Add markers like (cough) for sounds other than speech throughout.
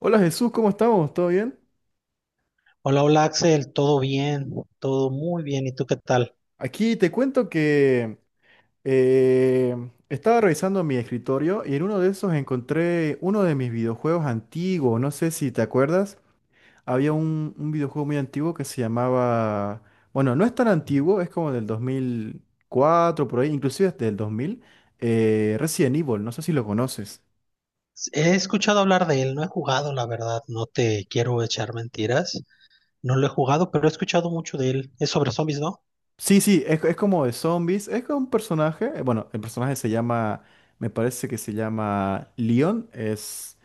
Hola Jesús, ¿cómo estamos? ¿Todo bien? Hola, hola Axel, todo bien, todo muy bien. ¿Y tú qué tal? Aquí te cuento que eh, estaba revisando mi escritorio y en uno de esos encontré uno de mis videojuegos antiguos. No sé si te acuerdas. Había un videojuego muy antiguo que se llamaba... Bueno, no es tan antiguo, es como del 2004 por ahí, inclusive desde el 2000. Resident Evil, no sé si lo conoces. He escuchado hablar de él, no he jugado, la verdad, no te quiero echar mentiras. No lo he jugado, pero he escuchado mucho de él. Es sobre zombies, ¿no? Sí, sí, es como de zombies. Es como un personaje. Bueno, el personaje se llama. Me parece que se llama Leon. Es,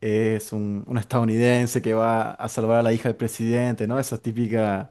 es un estadounidense que va a salvar a la hija del presidente, ¿no? Esa típica.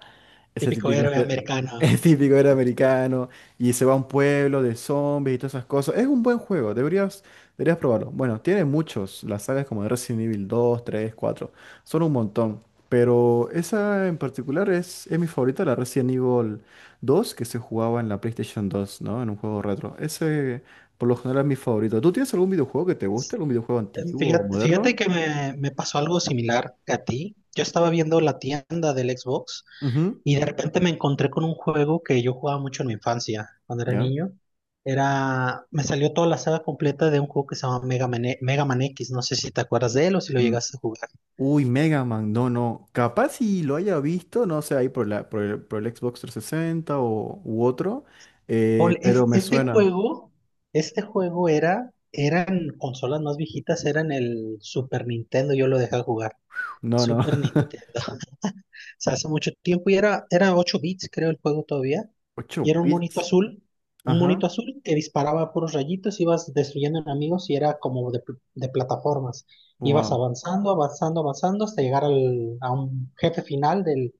Ese Típico típico, héroe americano. (laughs) es típico era americano y se va a un pueblo de zombies y todas esas cosas. Es un buen juego, deberías probarlo. Bueno, tiene muchos, las sagas como de Resident Evil 2, 3, 4, son un montón. Pero esa en particular es mi favorita, la Resident Evil 2 que se jugaba en la PlayStation 2, ¿no? En un juego retro. Ese por lo general es mi favorito. ¿Tú tienes algún videojuego que te guste? ¿Algún videojuego Eh, antiguo o Fíjate, fíjate moderno? que me pasó algo similar que a ti. Yo estaba viendo la tienda del Xbox Ujú. y de repente me encontré con un juego que yo jugaba mucho en mi infancia, cuando era ¿Ya? niño. Me salió toda la saga completa de un juego que se llama Mega Man, Mega Man X. No sé si te acuerdas de él o si lo Mm. llegaste a jugar. Uy, Mega Man, no, no. Capaz si lo haya visto, no sé, ahí por el Xbox 360 u otro, Paul, pero me suena. Eran consolas más viejitas, eran el Super Nintendo, yo lo dejé jugar. No, no. Super (laughs) Nintendo. Sea, hace mucho tiempo y era 8 bits, creo, el juego todavía. Y ocho era bits. Un Ajá. monito azul que disparaba puros rayitos, ibas destruyendo enemigos y era como de, de plataformas. Ibas Wow. avanzando, avanzando, avanzando hasta llegar a un jefe final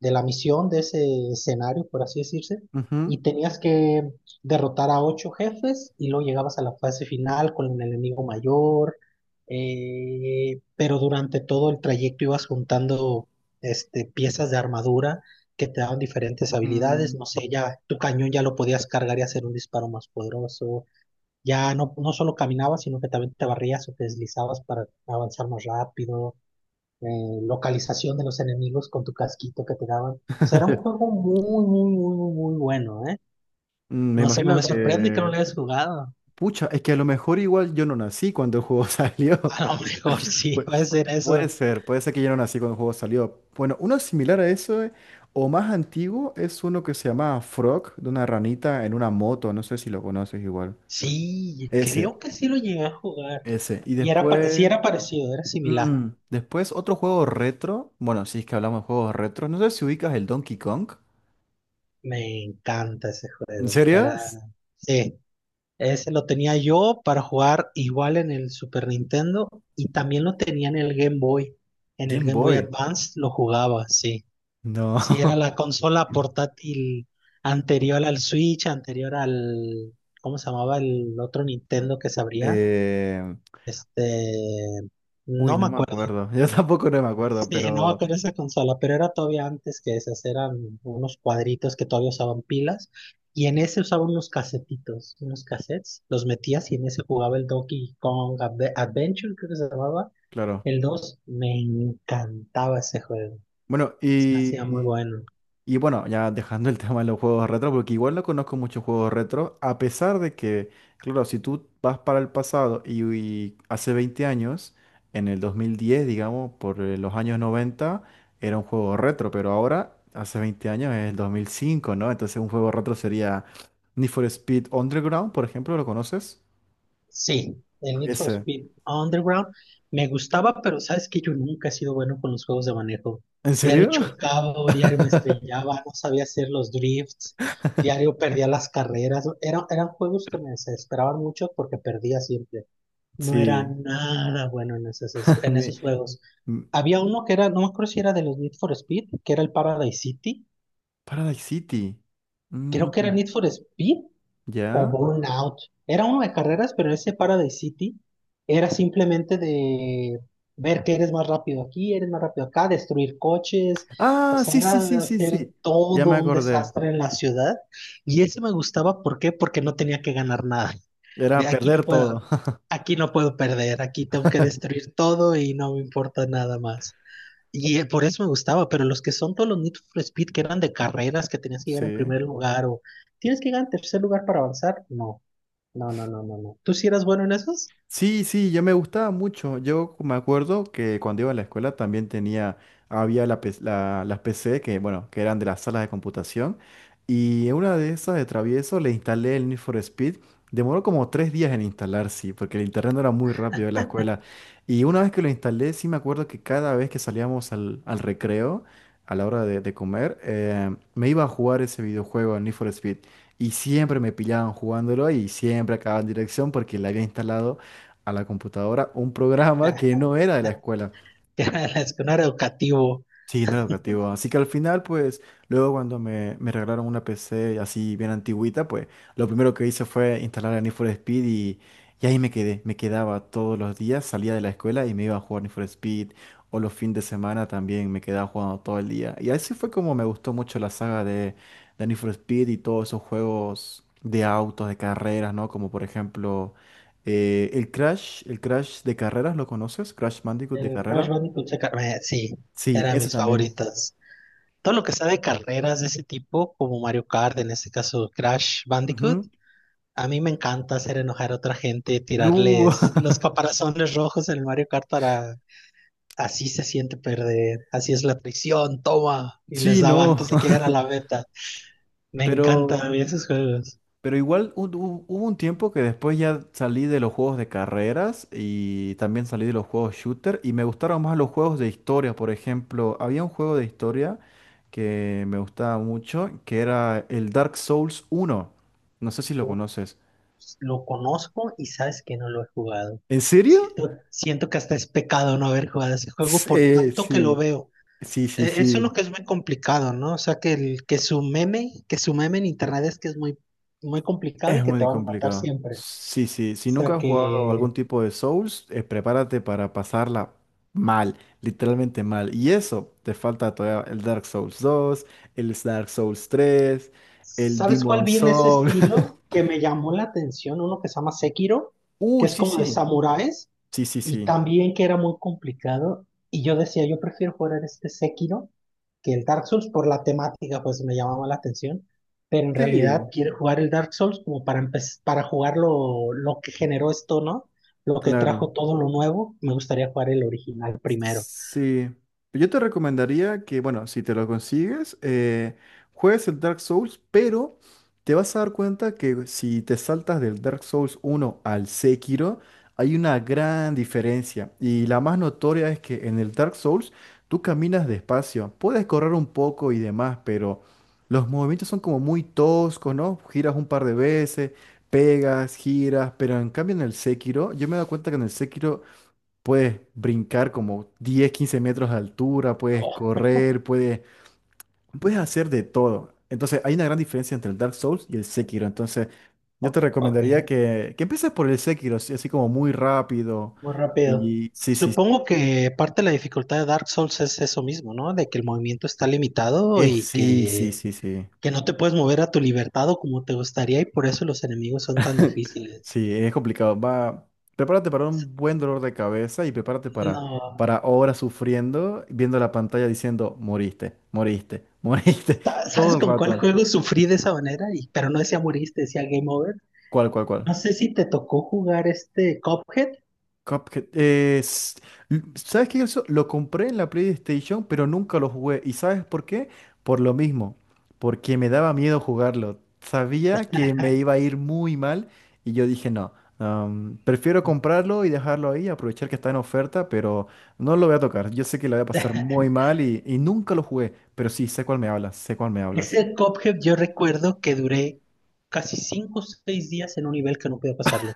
de la misión, de ese escenario, por así decirse, (laughs) y tenías que derrotar a ocho jefes y luego llegabas a la fase final con el enemigo mayor. Pero durante todo el trayecto ibas juntando este, piezas de armadura que te daban diferentes habilidades, no sé, ya tu cañón ya lo podías cargar y hacer un disparo más poderoso, ya no, no solo caminabas, sino que también te barrías o te deslizabas para avanzar más rápido. Localización de los enemigos con tu casquito que te daban. Será un juego muy, muy, muy, muy, muy bueno, ¿eh? Me No sé, imagino me sorprende que no lo que... hayas jugado. Pucha, es que a lo mejor igual yo no nací cuando el juego (laughs) (laughs) salió. A lo mejor sí, Pu- (laughs) va a ser Puede eso. ser, puede ser que ya no nací cuando el juego salió. Bueno, uno similar a eso, o más antiguo, es uno que se llama Frog, de una ranita en una moto, no sé si lo conoces igual. Sí, Ese, creo que sí lo llegué a jugar. ese. Y Y era, sí después, era parecido, era similar. Después otro juego retro, bueno, si es que hablamos de juegos retro, no sé si ubicas el Donkey Kong. Me encanta ese ¿En juego. serio? Sí, ese lo tenía yo para jugar igual en el Super Nintendo y también lo tenía en el Game Boy. En el Game Game Boy Boy. Advance lo jugaba, sí. No. Sí, era (laughs) la consola portátil anterior al Switch, ¿cómo se llamaba el otro Nintendo que se abría? Eh, Este, Uy, no me no me acuerdo. acuerdo. (laughs) Yo tampoco no me (laughs) acuerdo, Sí, no me pero acuerdo esa consola, pero era todavía antes que esas, eran unos cuadritos que todavía usaban pilas. Y en ese usaban unos casetitos, unos cassettes, los metías y en ese jugaba el Donkey Kong Adventure, creo que se llamaba, claro. el dos. Me encantaba ese juego, Bueno, se me hacía muy y. bueno. Y bueno, ya dejando el (laughs) tema de los juegos retro, porque igual no conozco muchos juegos retro, a pesar de que, claro, si tú vas para el pasado y hace 20 años, en el 2010 digamos, por los años 90 era un juego retro, pero ahora, hace 20 años, es el 2005, ¿no? Entonces un juego retro sería Need for Speed Underground, por ejemplo, ¿lo conoces? Sí, el Need for Ese. Speed Underground me gustaba, pero sabes que yo nunca he sido bueno con los juegos de manejo. ¿En Diario serio? chocaba, o diario me (laughs) estrellaba, no sabía hacer los drifts, diario perdía las carreras. Eran juegos que me desesperaban mucho porque perdía siempre. No era Sí. nada bueno (laughs) en Mi- esos juegos. m- Había uno que era, no me acuerdo si era de los Need for Speed, que era el Paradise City. Paradise City. Creo que era Mm, Need for Speed o ¿ya? Burnout. Era uno de carreras, pero ese Paradise City era simplemente de ver que eres más rápido aquí, eres más rápido acá, destruir coches, o Ah, sea, sí, sí, sí, era sí, hacer sí. Ya me todo un acordé. desastre en la ciudad. Y ese me gustaba, ¿por qué? Porque no tenía que ganar nada. De Era aquí no perder todo. puedo, (laughs) Aquí no puedo perder, aquí tengo que destruir todo y no me importa nada más. Y por eso me gustaba, pero los que son todos los Need for Speed que eran de carreras, que tenías que llegar en Sí. primer lugar o tienes que llegar en tercer lugar para avanzar, no, no, no, no, no, no. ¿Tú sí eras bueno en esos? Sí, sí, yo me gustaba mucho. Yo me acuerdo que cuando iba a la escuela también tenía, había las PC que, bueno, que eran de las salas de computación. Y en una de esas de travieso le instalé el Need for Speed. Demoró como 3 días en instalar, sí, porque el internet no era muy rápido en la escuela. Y una vez que lo instalé, sí me acuerdo que cada vez que salíamos al recreo, a la hora de comer, me iba a jugar ese videojuego, el Need for Speed. Y siempre me pillaban jugándolo y siempre acababan en dirección porque le había instalado a la computadora un programa que no era de la (laughs) escuela. Ya, es que no era educativo. Sí, no era educativo. Así que al final, pues, luego cuando me regalaron una PC así bien antigüita, pues, lo primero que hice fue instalar el Need for Speed y ahí me quedé. Me quedaba todos los días, salía de la escuela y me iba a jugar Need for Speed. O los fines de semana también me quedaba jugando todo el día. Y así fue como me gustó mucho la saga de Need for Speed y todos esos juegos de autos, de carreras, ¿no? Como por ejemplo, el Crash de carreras, ¿lo conoces? Crash Bandicoot de El Crash carrera. Bandicoot, sí, Sí, era de ese mis también. favoritas. Todo lo que sea de carreras de ese tipo, como Mario Kart, en este caso Crash Bandicoot, Ujú. a mí me encanta hacer enojar a otra gente, tirarles Uh, los caparazones rojos en el Mario Kart para... Así se siente perder, así es la prisión, toma, (laughs) y les sí, daba no, antes de que llegara a la meta. (laughs) Me pero, encantan esos juegos. pero igual hubo un tiempo que después ya salí de los juegos de carreras y también salí de los juegos shooter y me gustaron más los juegos de historia, por ejemplo, había un juego de historia que me gustaba mucho, que era el Dark Souls 1. No sé si lo conoces. Ups, lo conozco y sabes que no lo he jugado. ¿En serio? Siento que hasta es pecado no haber jugado ese juego por tanto que lo Sí, veo. sí, sí, Eso es sí. lo que es muy complicado, ¿no? O sea, que, el, que su meme en internet es que es muy, muy complicado y Es que te muy van a matar complicado. siempre. O Sí, sí. Si sea, nunca has jugado algún que... tipo de Souls, prepárate para pasarla mal, literalmente mal. Y eso, te falta todavía el Dark Souls 2, el Dark Souls 3, el ¿Sabes cuál Demon vi en ese Souls. (laughs) estilo que me llamó la atención? Uno que se llama Sekiro, que Uy, es sí, como de sí. samuráis Sí, sí, y sí. también que era muy complicado. Y yo decía, yo prefiero jugar este Sekiro que el Dark Souls por la temática, pues me llamaba la atención. Pero en realidad Sí, quiero jugar el Dark Souls como para para jugar lo que generó esto, ¿no? Lo que trajo claro. todo lo nuevo. Me gustaría jugar el original primero. Sí, yo te recomendaría que, bueno, si te lo consigues, juegues el Dark Souls, pero te vas a dar cuenta que si te saltas del Dark Souls 1 al Sekiro, hay una gran diferencia. Y la más notoria es que en el Dark Souls tú caminas despacio, puedes correr un poco y demás, pero los movimientos son como muy toscos, ¿no? Giras un par de veces, pegas, giras, pero en cambio en el Sekiro, yo me he dado cuenta que en el Sekiro puedes brincar como 10 15 metros de altura, puedes Oh, correr, puedes hacer de todo. Entonces, hay una gran diferencia entre el Dark Souls y el Sekiro. Entonces, yo te ok. recomendaría que empieces por el Sekiro, así así como muy rápido. Muy rápido. Y sí, sí, Supongo que parte de la dificultad de Dark Souls es eso mismo, ¿no? De que el movimiento está limitado y sí, sí, sí, sí. que no te puedes mover a tu libertad o como te gustaría y por eso los enemigos son tan (laughs) difíciles. Sí, es complicado. Va, prepárate para un buen dolor de cabeza y prepárate para, No. para horas sufriendo, viendo la pantalla diciendo, moriste, moriste, (laughs) moriste, todo ¿Sabes el con cuál rato. juego (laughs) sufrí de esa manera? Y, pero no decía moriste, decía Game Over. ¿Cuál, cuál, cuál? No sé si te tocó jugar este Cuphead. Cuphead. ¿Sabes qué? Eso lo compré en la PlayStation, pero nunca lo jugué. ¿Y sabes por qué? Por lo mismo. Porque me daba miedo jugarlo. Sabía que me iba a ir muy mal y yo dije no. Prefiero comprarlo y dejarlo ahí, aprovechar que está en oferta, pero no lo voy a tocar. Yo sé que lo voy a pasar (laughs) muy mal y nunca lo jugué, pero sí, sé cuál me hablas, sé cuál me hablas. Ese Cuphead yo recuerdo que duré casi 5 o 6 días en un nivel que no podía pasarlo.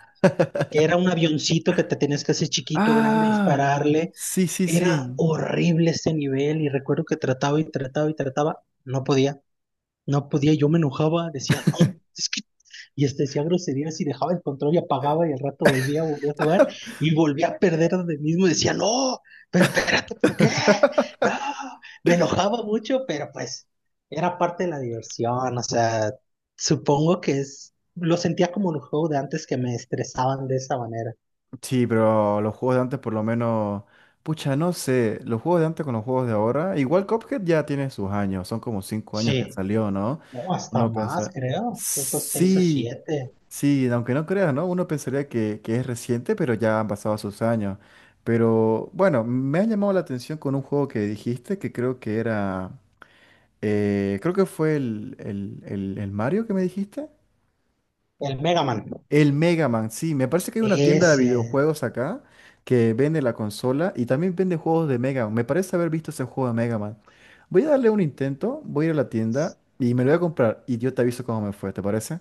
Que era un avioncito que te tenías que hacer chiquito, grande, Ah, dispararle. sí, sí, Era sí. horrible este nivel y recuerdo que trataba y trataba y trataba, no podía, no podía, yo me enojaba, decía, no, es que... Y este decía groserías y dejaba el control y apagaba y al rato volvía a jugar y volvía a perder de mismo y decía, no, pero espérate, ¿por qué? No, (laughs) me enojaba mucho, pero pues era parte de la diversión, o sea, supongo que es, lo sentía como un juego de antes que me estresaban de esa manera. Sí, pero los juegos de antes por lo menos, pucha, no sé, los juegos de antes con los juegos de ahora, igual Cuphead ya tiene sus años, son como 5 años que Sí, salió, ¿no? no, hasta Uno más, piensa, creo. Creo que seis o sí, siete. sí, aunque no creas, ¿no? Uno pensaría que es reciente, pero ya han pasado sus años. Pero bueno, me ha llamado la atención con un juego que dijiste que creo que era, creo que fue el Mario que me dijiste. El Mega Man. El Mega Man, sí, me parece que hay una tienda de Ese. videojuegos acá que vende la consola y también vende juegos de Mega Man. Me parece haber visto ese juego de Mega Man. Voy a darle un intento, voy a ir a la tienda y me lo voy a comprar y yo te aviso cómo me fue, ¿te parece?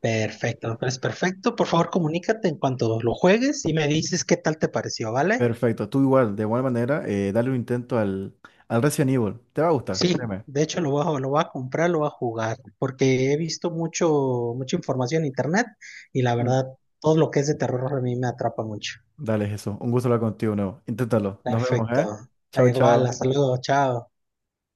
Perfecto, pues perfecto. Por favor, comunícate en cuanto lo juegues y me dices qué tal te pareció, ¿vale? Perfecto, tú igual, de igual manera, dale un intento al Resident Evil. Te va a gustar, Sí, créeme. de hecho lo voy a comprar, lo voy a jugar, porque he visto mucho, mucha información en internet y la Mm. verdad, todo lo que es de terror a mí me atrapa mucho. Dale, Jesús, un gusto hablar contigo de nuevo. Inténtalo. Nos vemos, ¿eh? Perfecto. Chao, Ahí va, chao. hasta luego, chao.